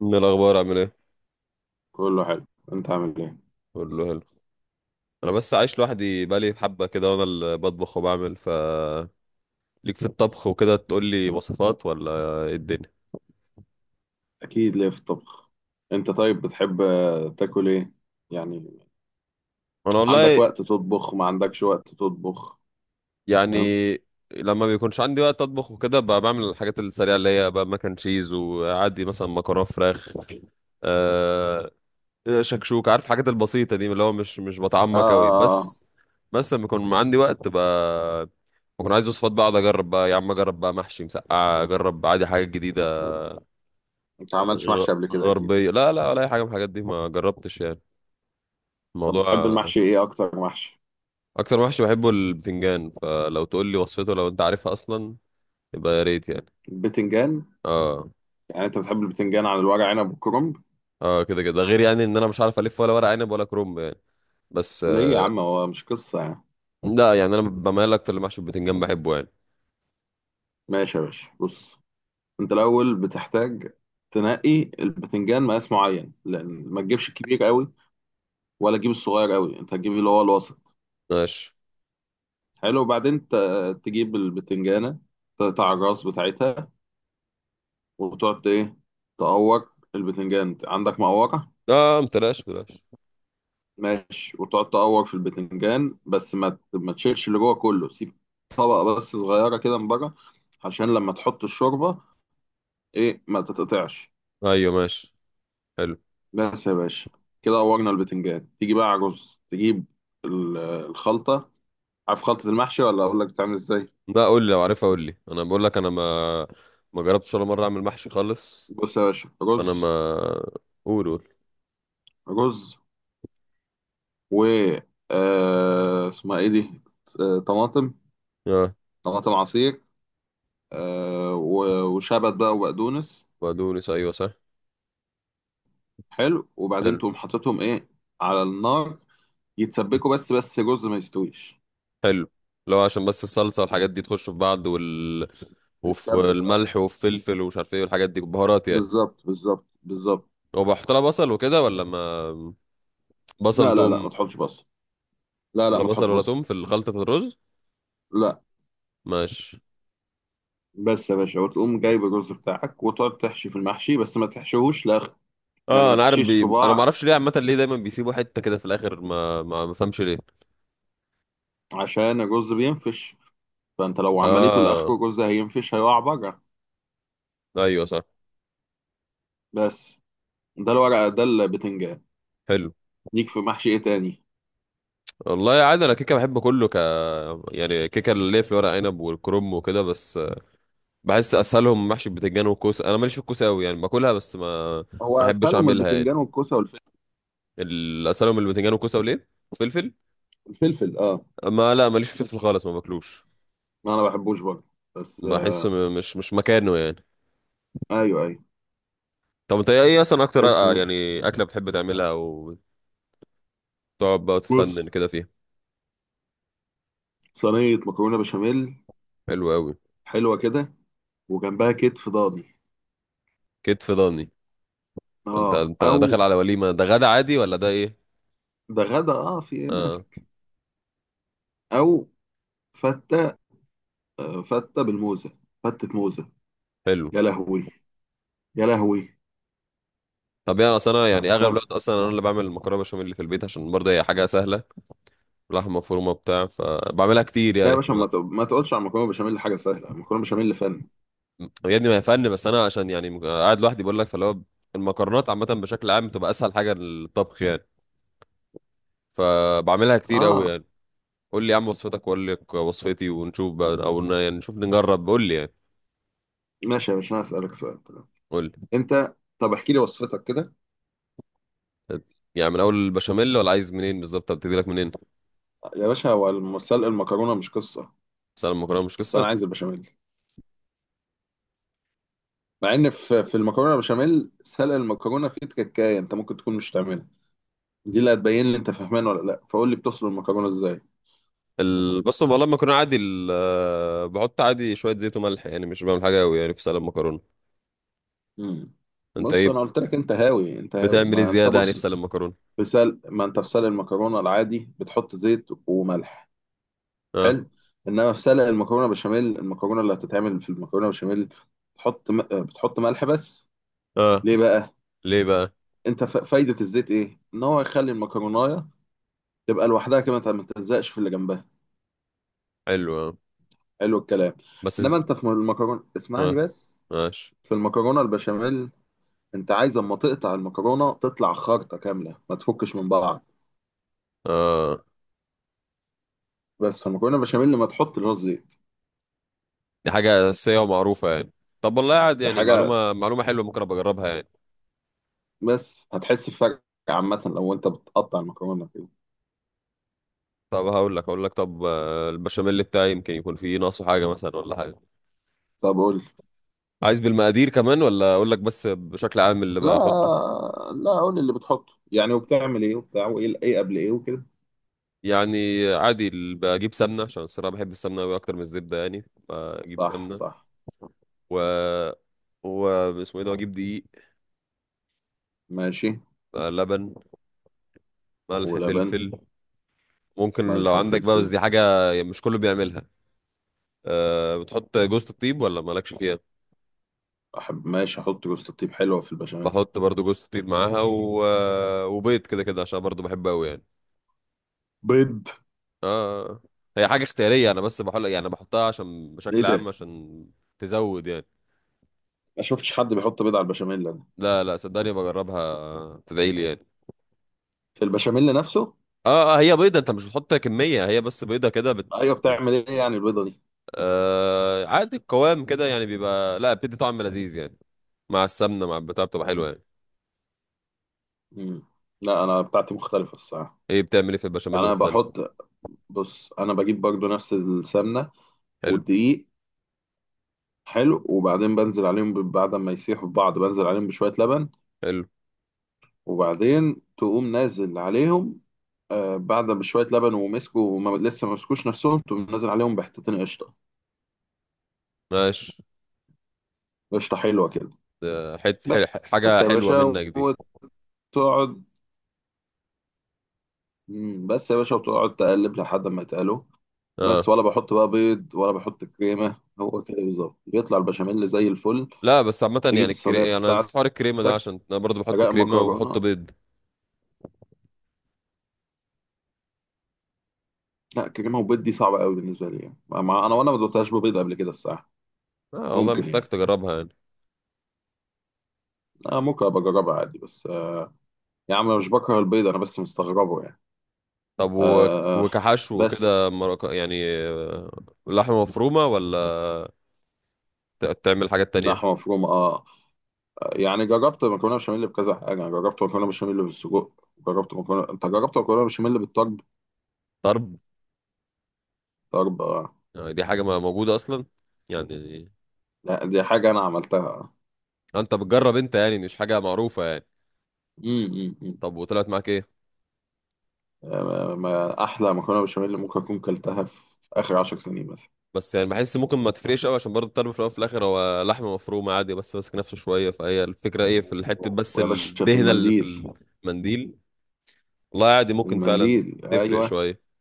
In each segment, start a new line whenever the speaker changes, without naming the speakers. من الاخبار عامل ايه؟
كله حلو. انت عامل ايه؟
كله حلو. انا بس عايش لوحدي بقالي حبه كده، وانا اللي بطبخ وبعمل، ف ليك في الطبخ وكده، تقول لي وصفات ولا ايه الدنيا؟
اكيد ليه في الطبخ. انت طيب بتحب تاكل ايه يعني؟
انا
عندك
والله
وقت تطبخ ما عندكش وقت تطبخ؟
يعني
فاهم.
لما بيكونش عندي وقت اطبخ وكده، بقى بعمل الحاجات السريعه اللي هي بقى مكن تشيز، وعادي مثلا مكرونه فراخ، أه شكشوك، عارف الحاجات البسيطه دي اللي هو مش
اه
بتعمق قوي،
اه اه آه.
بس. بس لما يكون عندي وقت بقى، بكون عايز وصفات، بقى اقعد اجرب، بقى يا عم اجرب بقى محشي، مسقعه، اجرب عادي حاجات جديده.
انت ما عملتش محشي قبل كده اكيد؟
غربية، لا لا، ولا أي حاجة من الحاجات دي ما جربتش، يعني
طب بتحب
الموضوع.
المحشي ايه، اكتر محشي؟
أكتر محشي بحبه البتنجان، فلو تقول لي وصفته لو أنت عارفها أصلا يبقى يا ريت يعني.
البتنجان؟
اه
يعني انت بتحب البتنجان على الورق عنب والكرنب؟
اه، كده كده، ده غير يعني إن أنا مش عارف ألف ولا ورق عنب ولا كرنب يعني، بس.
ليه يا عم، هو مش قصة يعني.
لا يعني أنا بميل أكتر لمحشي البتنجان، بحبه يعني.
ماشي يا باشا، بص. انت الاول بتحتاج تنقي البتنجان مقاس معين، لان ما تجيبش الكبير قوي ولا تجيب الصغير قوي، انت هتجيب اللي هو الوسط.
ماشي.
حلو، وبعدين تجيب البتنجانة، تقطع الراس بتاعتها، وتقعد ايه، تقور البتنجان، عندك مقورة.
اه، متلاش بلاش.
ماشي، وتقعد تقور في البتنجان، بس ما تشيلش اللي جوه كله، سيب طبقة بس صغيرة كده من بره، عشان لما تحط الشوربة ايه، ما تتقطعش.
أيوه، ماشي. حلو.
بس يا باشا، كده قورنا البتنجان. تيجي بقى على الرز، تجيب الخلطة. عارف خلطة المحشي ولا أقول لك بتعمل ازاي؟
لا، قول لي، لو عارفها قول لي، أنا بقول لك، أنا ما جربتش ولا مرة أعمل محشي خالص.
بص يا باشا،
أنا ما.
رز،
قول، قول.
رز و اسمها ايه دي، طماطم،
اه،
طماطم عصير، وشبت بقى وبقدونس.
بقدونس، أيوه صح.
حلو، وبعدين
حلو.
تقوم حاططهم ايه، على النار، يتسبكوا بس، جزء ما يستويش.
حلو، لو عشان بس الصلصة والحاجات دي تخش في بعض، وفي
بتسبك، اه،
الملح والفلفل ومش عارف ايه والحاجات دي بهارات يعني.
بالظبط بالظبط بالظبط.
وبحط لها بصل وكده، ولا ما؟ بصل،
لا لا لا، ما
توم.
تحطش بصل. لا لا،
ولا
ما تحطش
بصل ولا
بصل.
توم في الخلطة الرز؟
لا.
ماشي.
بس يا باشا، وتقوم جايب الرز بتاعك وتقعد تحشي في المحشي، بس ما تحشيهوش لاخر. يعني
اه،
ما
انا عارف
تحشيش
انا ما
صباع،
اعرفش ليه، عامة ليه دايما بيسيبوا حتة كده في الاخر، ما فهمش ليه.
عشان الرز بينفش، فانت لو عمليته لاخره
اه،
الرز هينفش، هيقع بره.
ايوه صح.
بس. ده الورقة، ده البتنجان.
حلو.
ليك في محشي ايه تاني؟
والله عادي، انا كيكه بحب كله، يعني كيكه، اللي هي في ورق عنب والكرنب وكده، بس بحس اسهلهم محشي بتنجان وكوسه. انا ماليش في الكوسه قوي يعني، باكلها بس ما
هو
ما احبش
اسهلهم
اعملها يعني.
البتنجان والكوسة والفلفل.
اسهلهم البتنجان والكوسه وليه، فلفل.
الفلفل، اه.
ما لا، ماليش في الفلفل خالص، ما باكلوش.
انا ما بحبوش برضه. بس
بحسه
آه.
مش مكانه يعني.
ايوه ايوه.
طب انت ايه اصلا اكتر،
بس ماشي.
يعني اكله بتحب تعملها وتقعد بقى وتفنن
بص،
كده فيها؟
صينية مكرونة بشاميل،
حلو قوي.
حلوة كده، وجنبها كتف ضاني.
كتف ضاني. انت
اه،
انت داخل
او.
على وليمه، ده غدا عادي ولا ده ايه؟
ده غدا، اه، في ايه
اه،
مالك. او، فتة، آه، فتة بالموزة، فتة موزة.
حلو.
يا لهوي، يا لهوي.
طب يعني اصل انا يعني اغلب
لا
الوقت اصلا انا اللي بعمل المكرونه بشاميل اللي في البيت، عشان برضه هي حاجه سهله، لحمه مفرومه بتاع، فبعملها كتير
يا
يعني.
باشا، ما تقولش على مكرونة بشاميل حاجة سهلة، مكرونة بشاميل فن.
يا ابني ما هي فن، بس انا عشان يعني قاعد لوحدي بقول لك، فاللي هو المكرونات عامه بشكل عام بتبقى اسهل حاجه للطبخ يعني، فبعملها كتير قوي
اه،
يعني. قول لي يا عم وصفتك واقول لك وصفتي، ونشوف بقى او يعني نشوف نجرب، قول لي يعني.
ماشي يا باشا، انا اسألك سؤال.
قول
انت، طب احكي لي وصفتك كده.
لي يعني من اول البشاميل، ولا عايز منين بالظبط، ابتدي لك منين؟
يا باشا، هو سلق المكرونه مش قصه،
بس انا المكرونه مش
بس انا
قصه.
عايز البشاميل. مع ان في المكرونه بشاميل سلق المكرونه فيه تكايه، انت ممكن تكون مش تعملها، دي اللي هتبين لي انت فهمان ولا لا. فقول لي بتسلق المكرونه ازاي؟
بص، والله المكرونه عادي، ال... آه، بحط عادي شويه زيت وملح يعني، مش بعمل حاجه قوي يعني في سلق المكرونه.
امم
انت
بص،
ايه
انا قلت لك انت هاوي، انت هاوي.
بتعمل ايه
ما انت
زياده يعني في
بص
سلق المكرونه؟
في سلق، ما انت في سلق المكرونه العادي بتحط زيت وملح.
اه
حلو. انما في سلق المكرونه بشاميل، المكرونه اللي هتتعمل في المكرونه بشاميل، بتحط ملح بس.
اه،
ليه بقى؟
ليه بقى؟
انت فايدة الزيت ايه؟ ان هو يخلي المكرونايه تبقى لوحدها كده، انت ما تلزقش في اللي جنبها.
حلو آه.
حلو الكلام. انما
بس
انت في المكرونة، اسمعني
آه.
بس،
ماشي
في المكرونة البشاميل، انت عايز اما تقطع المكرونة تطلع خارطة كاملة، ما تفكش من بعض.
آه.
بس في المكرونة البشاميل، لما تحط اللي هو الزيت،
دي حاجة أساسية ومعروفة يعني، طب والله قاعد
ده
يعني،
حاجة،
معلومة معلومة حلوة، ممكن أبقى أجربها يعني.
بس هتحس بفرق. عامة لو انت بتقطع المكرونة كده.
طب هقول لك طب، البشاميل بتاعي يمكن يكون فيه ناقصه حاجة مثلا ولا حاجة.
طب قول لي.
عايز بالمقادير كمان، ولا أقول لك بس بشكل عام اللي بحطه؟
لا لا، قول لي اللي بتحطه يعني، وبتعمل ايه وبتاع، وايه ايه قبل ايه وكده.
يعني عادي، بجيب سمنة، عشان الصراحة بحب السمنة أوي أكتر من الزبدة يعني، بجيب
صح
سمنة،
صح.
و و اسمه ايه ده، اجيب دقيق،
ماشي.
لبن، ملح،
ولبن.
فلفل. ممكن لو
ملح
عندك بقى، بس
وفلفل.
دي حاجة يعني مش كله بيعملها. أه، بتحط جوزة الطيب ولا مالكش فيها؟
أحب، ماشي، أحط جوز الطيب، حلوة في البشاميل.
بحط برضو جوزة الطيب معاها، و... آه، وبيض كده كده، عشان برضو بحبه قوي يعني.
بيض؟
اه هي حاجة اختيارية، انا بس بحط يعني، انا بحطها عشان
إيه
بشكل
ده؟
عام، عشان تزود يعني.
ما شفتش حد بيحط بيض على البشاميل أنا.
لا لا، صدقني بجربها تدعي لي يعني.
في البشاميل نفسه؟
اه اه، هي بيضة، انت مش بتحط كمية، هي بس بيضة كده
أيوه، بتعمل إيه يعني البيضة دي؟
عادي القوام كده يعني بيبقى، لا بتدي طعم لذيذ يعني، مع السمنة، مع البتاع، بتبقى حلوة يعني.
مم. لا، أنا بتاعتي مختلفة الصراحة.
ايه بتعمل ايه في البشاميل
يعني أنا
مختلف؟
بحط، بص، أنا بجيب برضو نفس السمنة
حلو.
والدقيق. حلو، وبعدين بنزل عليهم بعد ما يسيحوا في بعض، بنزل عليهم بشوية لبن،
حلو،
وبعدين تقوم نازل عليهم، بعد بشوية لبن ومسكوا، وما لسه ما مسكوش نفسهم، تقوم نازل عليهم بحتتين قشطة.
ماشي،
قشطة حلوة كده.
حت حل
بس
حاجة
يا
حلوة
باشا،
منك دي.
وتقعد، بس يا باشا وتقعد تقلب لحد ما يتقلوا.
اه،
بس، ولا بحط بقى بيض، ولا بحط كريمة، هو كده بالظبط يطلع البشاميل زي الفل.
لا بس عامة يعني
تجيب الصينية
انا نسيت حوار الكريمة ده،
بتاعتك،
عشان انا برضو بحط
أجاء
كريمة وبحط
مكرونة.
بيض.
لا، كريمة وبيض دي صعبة قوي بالنسبة لي يعني، مع أنا، وأنا ما دوتهاش ببيض قبل كده الصراحة.
اه، والله
ممكن
محتاج
يعني.
تجربها يعني.
آه، ممكن أبقى أجربها عادي، بس آه. يا عم أنا مش بكره البيض، أنا بس مستغربه يعني.
طب
آه.
وكحشو
بس.
كده يعني، لحمة مفرومة، ولا بتعمل حاجات تانية؟
لحمة مفرومة، آه. يعني جربت مكرونه بشاميل بكذا حاجه، يعني جربت مكرونه بشاميل بالسجق، جربت مكرونه، انت جربت مكرونه بشاميل بالطرب؟
طرب.
طرب آه.
يعني دي حاجة ما موجودة اصلا يعني.
لا دي حاجه انا عملتها.
انت بتجرب انت يعني مش حاجة معروفة يعني.
امم
طب وطلعت معاك ايه؟
آه، ما احلى مكرونه بشاميل ممكن اكون كلتها في اخر 10 سنين مثلا.
بس يعني بحس ممكن ما تفرقش قوي، عشان برضه الطرب في الاول وفي الاخر هو لحمه مفرومه عادي، بس ماسك نفسه شويه، فهي الفكره ايه في الحته، بس
ويا باشا في
الدهنه اللي في
المنديل،
المنديل. والله عادي ممكن فعلا
المنديل،
تفرق
ايوه.
شويه.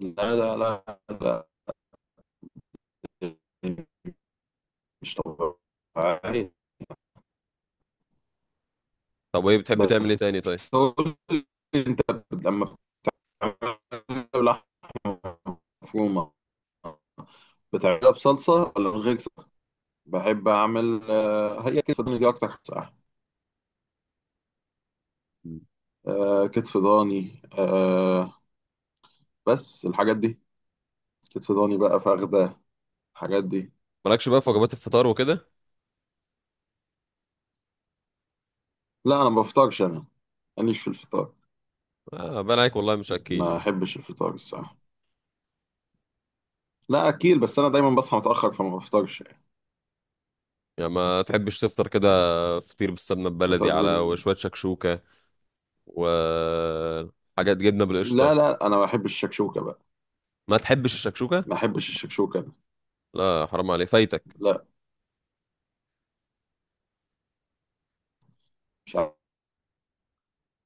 لا لا لا لا، مش طبيعي.
طب وايه بتحب تعمل ايه
بس
تاني طيب؟
قول لي، انت لما بتعملها بلحمه مفرومه، بتعملها بصلصة ولا من غير صلصة؟ بحب أعمل هي كتف ضاني دي أكتر حاجة بصراحة. آه، كتف ضاني، آه، بس الحاجات دي، كتف ضاني بقى، فخدة، الحاجات دي.
مالكش بقى في وجبات الفطار وكده؟
لا أنا ما بفطرش أنا، ماليش في الفطار،
آه، باين عليك والله مش اكيل
ما
يعني.
أحبش الفطار الصراحة. لا أكيل، بس أنا دايما بصحى متأخر فما بفطرش يعني.
يعني ما تحبش تفطر كده فطير بالسمنه البلدي،
فطار
على
بال...
وشويه شكشوكه، وحاجات جبنه
لا
بالقشطه؟
لا، أنا ما بحبش الشكشوكة بقى،
ما تحبش الشكشوكه؟
ما أحبش الشكشوكة أنا.
لا، حرام عليك فايتك.
لا، مش عارف.